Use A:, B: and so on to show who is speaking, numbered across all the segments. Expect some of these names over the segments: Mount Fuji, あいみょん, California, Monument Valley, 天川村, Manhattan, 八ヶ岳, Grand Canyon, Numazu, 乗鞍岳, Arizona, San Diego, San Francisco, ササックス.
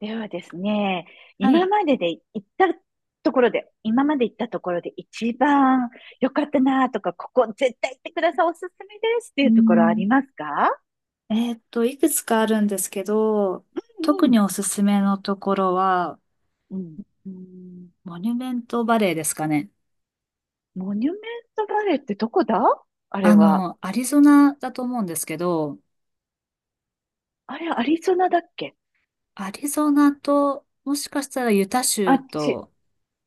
A: ではですね、
B: は
A: 今
B: い。
A: までで行ったところで、今まで行ったところで一番良かったなとか、ここ絶対行ってください、おすすめですってい
B: う
A: うところあり
B: ん。
A: ますか？
B: いくつかあるんですけど、
A: う
B: 特に
A: ん、
B: おすすめのところは、
A: うん。
B: うんモニュメントバレーですかね。
A: モニュメントバレーってどこだあれ
B: あ
A: は。
B: の、アリゾナだと思うんですけど、
A: あれ、アリゾナだっけ？
B: アリゾナと、もしかしたらユタ
A: あ
B: 州
A: っち、
B: と、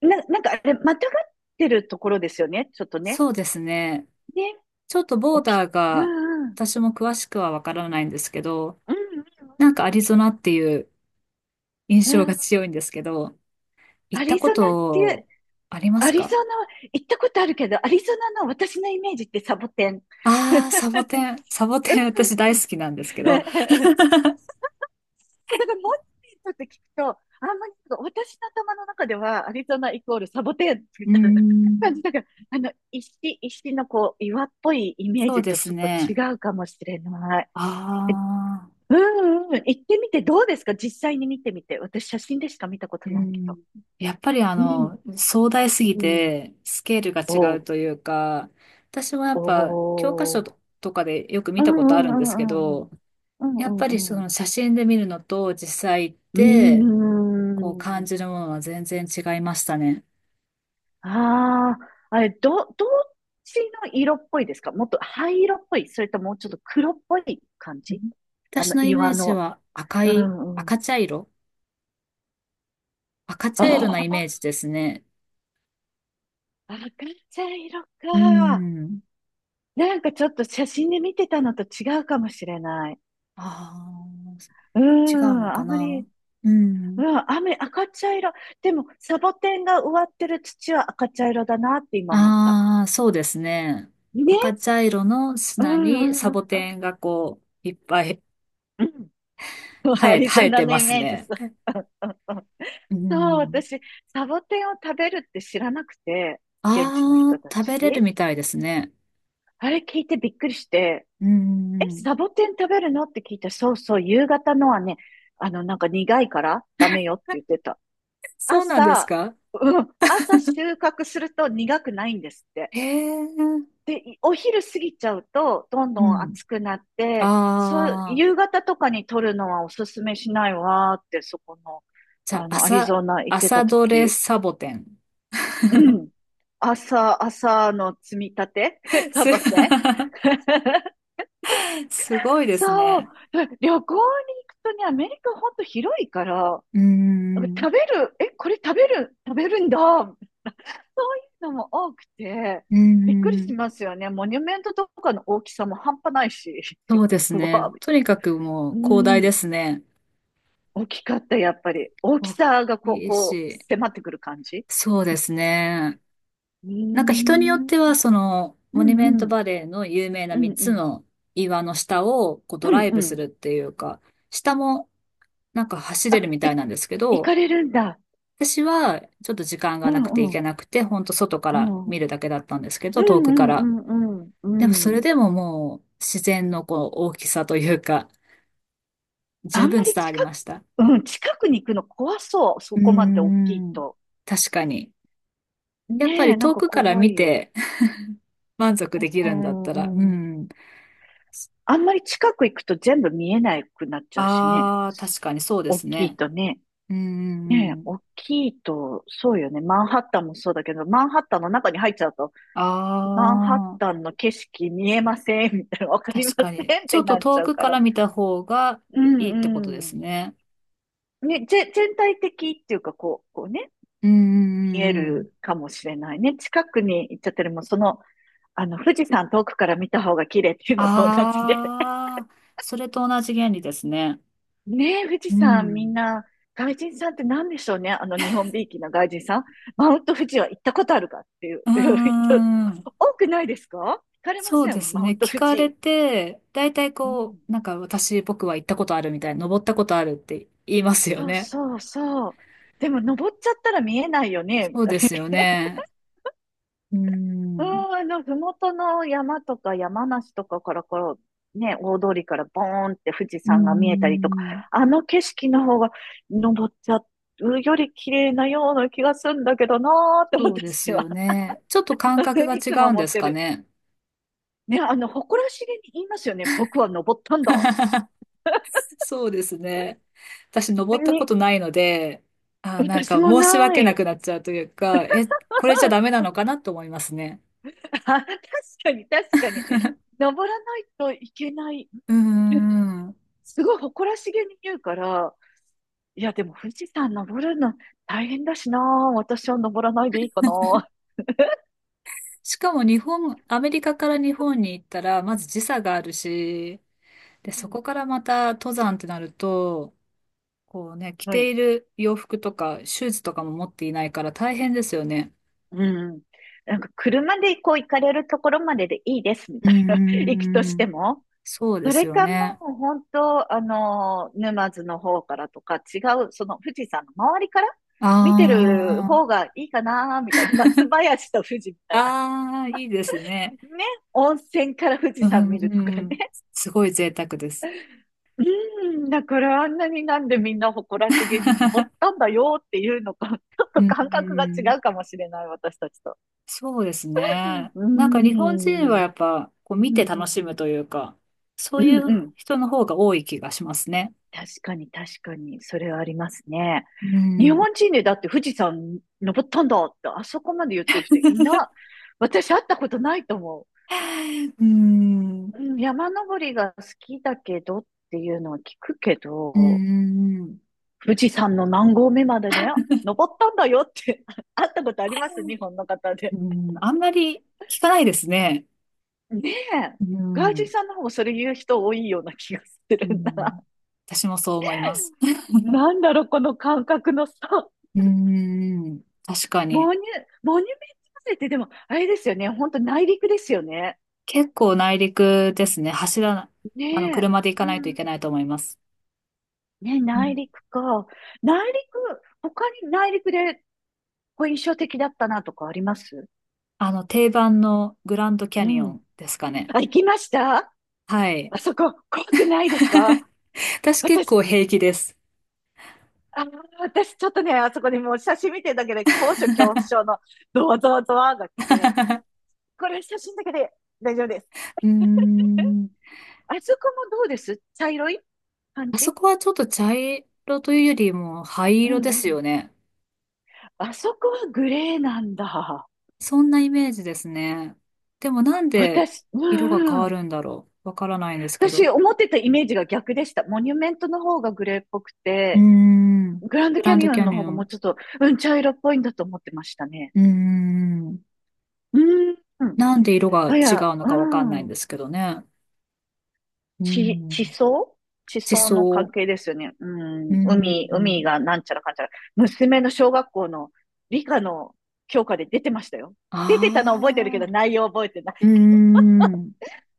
A: なんかあれ、またがってるところですよね、ちょっとね。
B: そうですね。
A: ね、
B: ちょっとボ
A: お
B: ー
A: き、
B: ダー
A: う
B: が、
A: ん、うん、
B: 私も詳しくはわからないんですけど、
A: う
B: な
A: ん、
B: んかアリゾナっていう印
A: う
B: 象
A: ん。う
B: が
A: ん。
B: 強いんですけど、行
A: ア
B: った
A: リ
B: こ
A: ゾナっていう、
B: とありま
A: ア
B: す
A: リゾ
B: か？
A: ナは行ったことあるけど、アリゾナの私のイメージってサボテン。
B: ああ、サボテン、サボテン 私大好きなん
A: だ
B: ですけど、
A: から、モニーとって聞くと、あんまりなんか私の頭の中ではアリゾナイコールサボテンみ
B: うー
A: たいな感
B: ん、
A: じだから、石、石のこう、岩っぽいイメー
B: そう
A: ジ
B: で
A: と
B: す
A: ちょっと違
B: ね。
A: うかもしれない。
B: あ
A: え、
B: あ、
A: うんうんうん、行ってみてどうですか？実際に見てみて。私写真でしか見たこ
B: う
A: とないけど。
B: ん。やっぱりあ
A: うん、
B: の、壮大
A: う
B: すぎ
A: ん。
B: て、スケールが
A: お
B: 違う
A: う、
B: というか、私はやっ
A: お
B: ぱ、教科書
A: う、
B: とかでよく
A: う
B: 見たことあ
A: ん
B: る
A: う
B: んですけ
A: んうんう
B: ど、
A: ん。うん
B: や
A: う
B: っぱり
A: ん
B: そ
A: うん。
B: の写真で見るのと実際行って、
A: うー
B: こう感
A: ん。
B: じるものは全然違いましたね。
A: ああ、あれ、どっちの色っぽいですか？もっと灰色っぽいそれともうちょっと黒っぽい感
B: う
A: じ？
B: ん、
A: あ
B: 私
A: の、
B: のイメ
A: 岩
B: ージ
A: の。
B: は赤
A: う
B: い、
A: んうん。
B: 赤茶色、赤茶色なイメー
A: あ
B: ジですね。
A: あ、赤茶色
B: う
A: か。
B: ん。
A: なんかちょっと写真で見てたのと違うかもしれない。
B: ああ、
A: う
B: 違う
A: ん、
B: の
A: あ
B: か
A: んま
B: な。
A: り、
B: う
A: う
B: ん。
A: ん、雨、赤茶色。でも、サボテンが植わってる土は赤茶色だなって今思った。
B: ああ、そうですね。赤
A: ね、
B: 茶色の
A: うんう
B: 砂に
A: んう
B: サボ
A: んうん。
B: テンがこう、いっぱい
A: うん。
B: 生
A: ア
B: え、
A: リ
B: 生
A: ゾ
B: え
A: ナ
B: て
A: の
B: ま
A: イ
B: す
A: メージ、
B: ね。
A: そう。うんうんうん。
B: う
A: そう、
B: ん。
A: 私、サボテンを食べるって知らなくて、現地の
B: あ
A: 人
B: あ、
A: た
B: 食べれる
A: ち。
B: みたいですね。
A: あれ聞いてびっくりして、
B: う
A: え、
B: ん。
A: サボテン食べるのって聞いたら、そうそう、夕方のはね、あの、なんか苦いからダメよって言ってた。
B: そうなんです
A: 朝、
B: か？
A: うん、朝収穫すると苦くないんですって。
B: へえ。
A: で、お昼過ぎちゃうと、どん
B: う
A: どん暑くなっ
B: ん。
A: て、そう、
B: ああ、
A: 夕方とかに撮るのはおすすめしないわーって、そこの、
B: じゃあ、
A: あの、アリ
B: 朝、
A: ゾナ行って
B: 朝
A: た
B: どれ
A: 時。
B: サボテン。
A: う ん。朝、朝の積み立て サ
B: す、
A: ボテン。
B: すごい です
A: そう。
B: ね。
A: 旅行に行くとね、アメリカほんと広いから、
B: うん。
A: 食べる、え、これ食べる、食べるんだ、そういうのも多くて、
B: うー
A: びっくりし
B: ん、
A: ますよね。モニュメントとかの大きさも半端ないし。
B: そうで す
A: うわ、
B: ね。とにかくも
A: う
B: う広大で
A: ん。
B: すね。
A: 大きかった、やっぱり。大き
B: 大
A: さがこう、
B: きい
A: こう、
B: し。
A: 迫ってくる感じ。
B: そうで すね。
A: うー
B: なんか人によ
A: ん。
B: っては、その、
A: う
B: モニュ
A: んう
B: メント
A: ん。
B: バレーの有名な
A: うん
B: 3
A: う
B: つ
A: ん。
B: の岩の下をこうド
A: う
B: ラ
A: ん
B: イ
A: う
B: ブす
A: ん。
B: るっていうか、下もなんか走
A: あ、
B: れるみたい
A: い、
B: なんですけ
A: 行
B: ど、
A: かれるんだ。
B: 私はちょっと時間
A: う
B: がなくて
A: ん
B: 行
A: う
B: け
A: ん。
B: なくて、ほんと外か
A: う
B: ら
A: ん。う
B: 見
A: ん
B: るだけだったんですけ
A: う
B: ど、遠くから。
A: んうんう
B: でも
A: ん。
B: そ
A: う
B: れ
A: ん。
B: でももう自然のこう大きさというか、十
A: あん
B: 分
A: まり
B: 伝わり
A: 近
B: ま
A: く、
B: した。
A: うん、近くに行くの怖そう。
B: う
A: そ
B: ー
A: こまで大きい
B: ん。
A: と。
B: 確かに。やっぱ
A: ね
B: り
A: え、なん
B: 遠
A: か
B: くから
A: 怖
B: 見
A: いよ。
B: て 満足でき
A: う
B: るんだったら、う
A: ん、うん。
B: ん。
A: あんまり近く行くと全部見えなくなっちゃうしね。
B: ああ、確かにそうで
A: 大
B: す
A: きい
B: ね。
A: とね。
B: うんうんう
A: ねえ、
B: ん。
A: 大きいと、そうよね。マンハッタンもそうだけど、マンハッタンの中に入っちゃうと、
B: あ
A: マンハッ
B: あ、
A: タンの景色見えませんみたいな、わかりま
B: 確か
A: せ
B: に。
A: んっ
B: ちょ
A: て
B: っと
A: なっち
B: 遠
A: ゃう
B: く
A: か
B: か
A: ら。
B: ら見た方が
A: う
B: いいってこと
A: ん
B: で
A: うん。
B: すね。
A: ね、全体的っていうか、こう、こうね、
B: うんう
A: 見え
B: んうんうん。
A: るかもしれないね。近くに行っちゃってるもん、その、あの、富士山遠くから見た方が綺麗っていうのと同じで。
B: ああ、それと同じ原理ですね。
A: ねえ、富士
B: う
A: 山みん
B: ん。
A: な、外人さんって何でしょうね。あの日本びいきな外人さん。マウント富士は行ったことあるかっていう
B: う
A: 人、
B: んうんうん、
A: 多くないですか？聞かれま
B: そう
A: せ
B: で
A: ん、
B: す
A: マ
B: ね。
A: ウント
B: 聞
A: 富
B: かれ
A: 士。
B: て、大体
A: う
B: こ
A: ん。
B: う、なんか私、僕は行ったことあるみたいな、登ったことあるって言いますよ
A: そう
B: ね。
A: そうそう。でも登っちゃったら見えないよね。
B: そうですよね。うー
A: うん、
B: ん。
A: あの、ふもとの山とか山梨とかからこう、ね、大通りからボーンって富士
B: うー
A: 山が見えたりとか、
B: ん。
A: あの景色の方が登っちゃうより綺麗なような気がするんだけどなーって
B: そうです
A: 私
B: よ
A: は
B: ね。ちょっと感覚 が
A: い
B: 違
A: つも
B: うん
A: 持
B: で
A: っ
B: す
A: て
B: か
A: る。
B: ね。
A: ね、あの、誇らしげに言いますよね。僕は登ったんだ。
B: そうですね。私、登
A: で
B: ったこ
A: に、
B: とないので、あー、なん
A: 私
B: か
A: も
B: 申し
A: な
B: 訳な
A: い。
B: くなっちゃうというか、え、これじゃダメな のかなと思いますね。
A: あ、確かに、確かに。登らないといけない。
B: うーん。
A: すごい誇らしげに言うから、いや、でも富士山登るの大変だしな。私は登らないでいいかな。
B: しかも日本、アメリカから日本に行ったら、まず時差があるし、で、
A: う
B: そ
A: ん。
B: こからまた登山ってなると、こうね、着
A: は
B: て
A: い。
B: いる洋服とかシューズとかも持っていないから大変ですよね。
A: うん。なんか、車でこう行かれるところまででいいです、み
B: うー
A: たいな。行くとして
B: ん。
A: も。
B: そうで
A: そ
B: す
A: れ
B: よ
A: かも
B: ね。
A: う本当、あの、沼津の方からとか違う、その富士山の周りから
B: あ
A: 見てる
B: ー、
A: 方がいいかな、みたいな。松林と富士みたいな。
B: あー、いいですね。
A: ね。温泉から富士
B: う
A: 山
B: ん、
A: 見るとか
B: うん、
A: ね。
B: すごい贅沢です。
A: うん。だからあんなになんでみんな誇らしげに登っ たんだよっていうのか、ちょっ
B: う
A: と
B: ん、
A: 感
B: う
A: 覚が
B: ん、
A: 違うかもしれない、私たちと。
B: そうです
A: うん。
B: ね。
A: う
B: なんか日本
A: ん
B: 人
A: う
B: はや
A: ん。
B: っぱこう見て楽しむというか、そ
A: う
B: うい
A: ん
B: う
A: うん。
B: 人の方が多い気がしますね。
A: 確かに確かに、それはありますね。
B: う
A: 日
B: ん。
A: 本人でだって富士山登ったんだって、あそこまで言ってる人いな、私会ったことないと思
B: うん。
A: う。うん、山登りが好きだけどっていうのは聞くけ
B: うー
A: ど、
B: ん、
A: 富士山の何合目までね、登ったんだよって 会ったことあります日本の方
B: う
A: で。
B: ん、あんまり聞かないですね。
A: ねえ。
B: う
A: 外人
B: ん、
A: さんの方もそれ言う人多いような気がす
B: う
A: るな。
B: ん、私もそう思います。
A: なんだろう、この感覚の差。
B: うーん、確かに。
A: モニュ、モニュメント遺跡ってでも、あれですよね。本当内陸ですよね。
B: 結構内陸ですね。走らな、あの、
A: ねえ。
B: 車で行か
A: う
B: ないとい
A: ん。
B: けないと思います。
A: ね、
B: う
A: 内
B: ん、
A: 陸か。内陸、他に内陸でこう印象的だったなとかあります？
B: あの、定番のグランドキャ
A: う
B: ニオ
A: ん。
B: ンですかね。
A: あ、行きました？
B: はい。
A: あそこ、怖くないですか？
B: 私結
A: 私、
B: 構平気です。
A: あー、私ちょっとね、あそこにもう写真見てるだけで高所恐怖症のドワドワドワが来て、これ写真だけで大丈夫です。
B: うーん、
A: あそこもどうです？茶色い感
B: あそ
A: じ？
B: こはちょっと茶色というよりも灰
A: う
B: 色
A: ん
B: で
A: う
B: す
A: ん。
B: よね。
A: あそこはグレーなんだ。
B: そんなイメージですね。でもなんで
A: 私、う
B: 色が変
A: ん
B: わ
A: うん。
B: るんだろう。わからないんですけ
A: 私、
B: ど。
A: 思ってたイメージが逆でした。モニュメントの方がグレーっぽく
B: うー
A: て、
B: ん。
A: グラン
B: グ
A: ドキ
B: ラ
A: ャ
B: ン
A: ニ
B: ド
A: オ
B: キ
A: ン
B: ャ
A: の
B: ニ
A: 方
B: オ
A: がも
B: ン。
A: うちょっと、うん、茶色っぽいんだと思ってましたね。
B: うーん。
A: うん。うん。
B: なんで色が
A: あ、い
B: 違
A: や、
B: うの
A: う
B: かわかんないん
A: ん。
B: ですけどね。うー
A: 地
B: ん。
A: 層、地
B: 地
A: 層の関
B: 層。
A: 係ですよね。う
B: うー
A: ん。海、海
B: ん。
A: がなんちゃらかんちゃら。娘の小学校の理科の教科で出てましたよ。出てたの覚えてるけ
B: ああ。
A: ど、内容覚えてない。
B: うーん。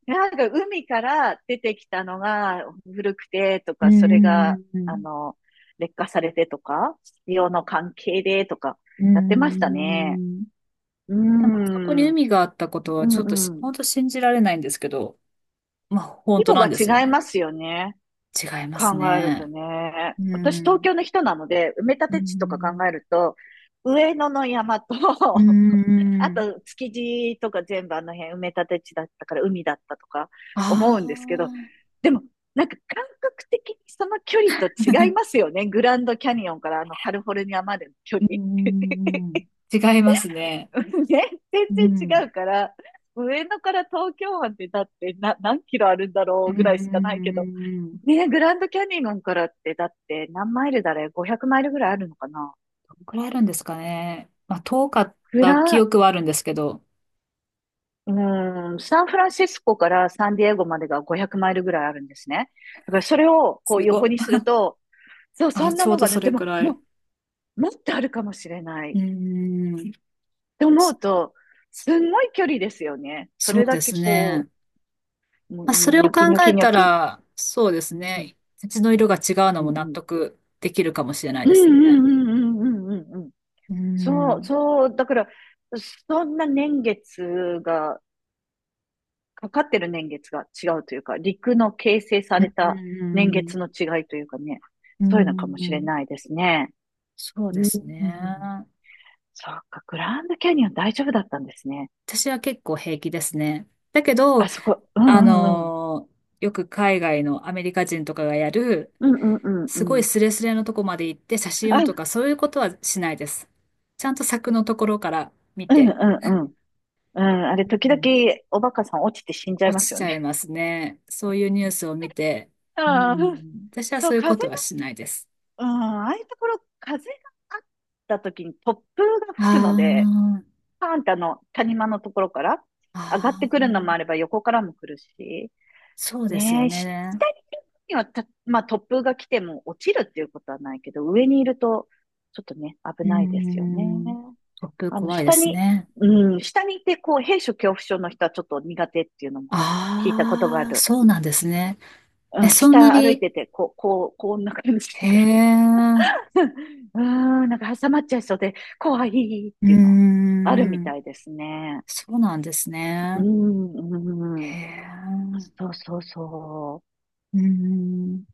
A: なんか海から出てきたのが古くてと
B: うー
A: か、それが、あ
B: ん。
A: の、劣化されてとか、潮の関係でとか、
B: うー
A: やってましたね。
B: ん。
A: うー
B: でも、あそこに
A: ん、
B: 海があったこと
A: う
B: はちょっとし、
A: んうん。
B: 本当信じられないんですけど、まあ、本
A: 規
B: 当
A: 模
B: な
A: が
B: んですよ
A: 違い
B: ね。
A: ますよね。
B: 違いま
A: 考
B: す
A: えると
B: ね。
A: ね。
B: う
A: 私、東
B: ん。
A: 京の人なので、埋め立
B: う
A: て地とか
B: ん。
A: 考えると、上野の山と
B: う
A: あ
B: ん。
A: と、築地とか全部あの辺埋め立て地だったから海だったとか思う
B: あ
A: んですけど、
B: あ。
A: でも、なんか感覚的にその距離と違いま すよね。グランドキャニオンからあのカリフォルニアまでの距
B: う
A: 離。
B: ん。違いますね。
A: ね、全
B: う
A: 然違
B: ん。
A: うから、上野から東京湾ってだってな何キロあるんだろ
B: う
A: うぐらいしかないけど、
B: ん。ど
A: ね、グランドキャニオンからってだって何マイルだれ？ 500 マイルぐらいあるのかな？
B: のくらいあるんですかね。まあ、遠かっ
A: グ
B: た記
A: ラ、
B: 憶はあるんですけど。
A: うん、サンフランシスコからサンディエゴまでが500マイルぐらいあるんですね。だからそれをこう
B: すご
A: 横に
B: い。
A: すると、そう、そ
B: あ、
A: ん
B: ち
A: な
B: ょう
A: の
B: ど
A: がね、
B: そ
A: で
B: れく
A: も、
B: らい。
A: ももっとあるかもしれないっ
B: うん。
A: て思
B: そ、
A: うと、すんごい距離ですよね。そ
B: そう
A: れだ
B: で
A: け
B: す
A: こ
B: ね。
A: う、もう
B: まあ、それ
A: ニ
B: を
A: ョ
B: 考
A: キニョ
B: え
A: キニョ
B: た
A: キ。
B: ら、そうです
A: うん、
B: ね。土の色が違うの
A: うん、
B: も納
A: うん、
B: 得できるかもしれない
A: うん、
B: です
A: う
B: ね。
A: ん、うん、うん、うん。うん。
B: う
A: そう、
B: ん。
A: そう、だから、そんな年月がかかってる年月が違うというか、陸の形成さ
B: う
A: れた年月
B: ん。
A: の違いというかね、
B: う
A: そういうのか
B: ん。
A: も
B: う
A: しれ
B: ん。
A: ないですね。
B: そうで
A: うん。
B: すね。
A: そうか、グランドキャニオン大丈夫だったんですね。
B: 私は結構平気ですね。だけ
A: あ
B: ど、
A: そこ、う
B: あ
A: んうんうん。
B: のーよく海外のアメリカ人とかがやる、
A: うんうんうんう
B: すごい
A: ん。
B: スレスレのとこまで行って写真をと
A: あ、
B: か、そういうことはしないです。ちゃんと柵のところから見
A: うんう
B: て、
A: んうん。うん、あれ、
B: う
A: 時々
B: ん、
A: おバカさん落ちて死んじゃい
B: 落
A: ま
B: ち
A: すよ
B: ちゃい
A: ね。
B: ますね。そういうニュースを見て、う
A: ああ、
B: ん、私は
A: そ
B: そ
A: う、
B: ういうこ
A: 風
B: と
A: が、
B: はしないです。
A: うん、ああいうところ、風があった時に突風が
B: あ
A: 吹くので、
B: ー、
A: パーンってあの、谷間のところから上がっ
B: あ
A: てくるのも
B: ー、
A: あれば横からも来るし、
B: そうです
A: ね
B: よ
A: え、下に
B: ね。
A: いる分にはた、まあ突風が来ても落ちるっていうことはないけど、上にいるとちょっとね、危
B: う
A: ないですよね。
B: ん、突風
A: あの、
B: 怖いで
A: 下
B: す
A: に、
B: ね。
A: うん、下にいてこう、閉所恐怖症の人はちょっと苦手っていうのも聞いたことがあ
B: ああ、
A: る。
B: そうなんですね。え、
A: うん、
B: そんな
A: 下歩い
B: に、
A: てて、こう、こう、こんな感じ
B: へ
A: だから。
B: え、
A: うーん、なんか挟まっちゃいそうで、怖いっ
B: うー
A: ていうのはあるみ
B: ん、
A: たいですね。
B: そうなんです
A: う
B: ね。
A: ん、う
B: へ
A: ん。
B: え、
A: そうそうそう。
B: うーん。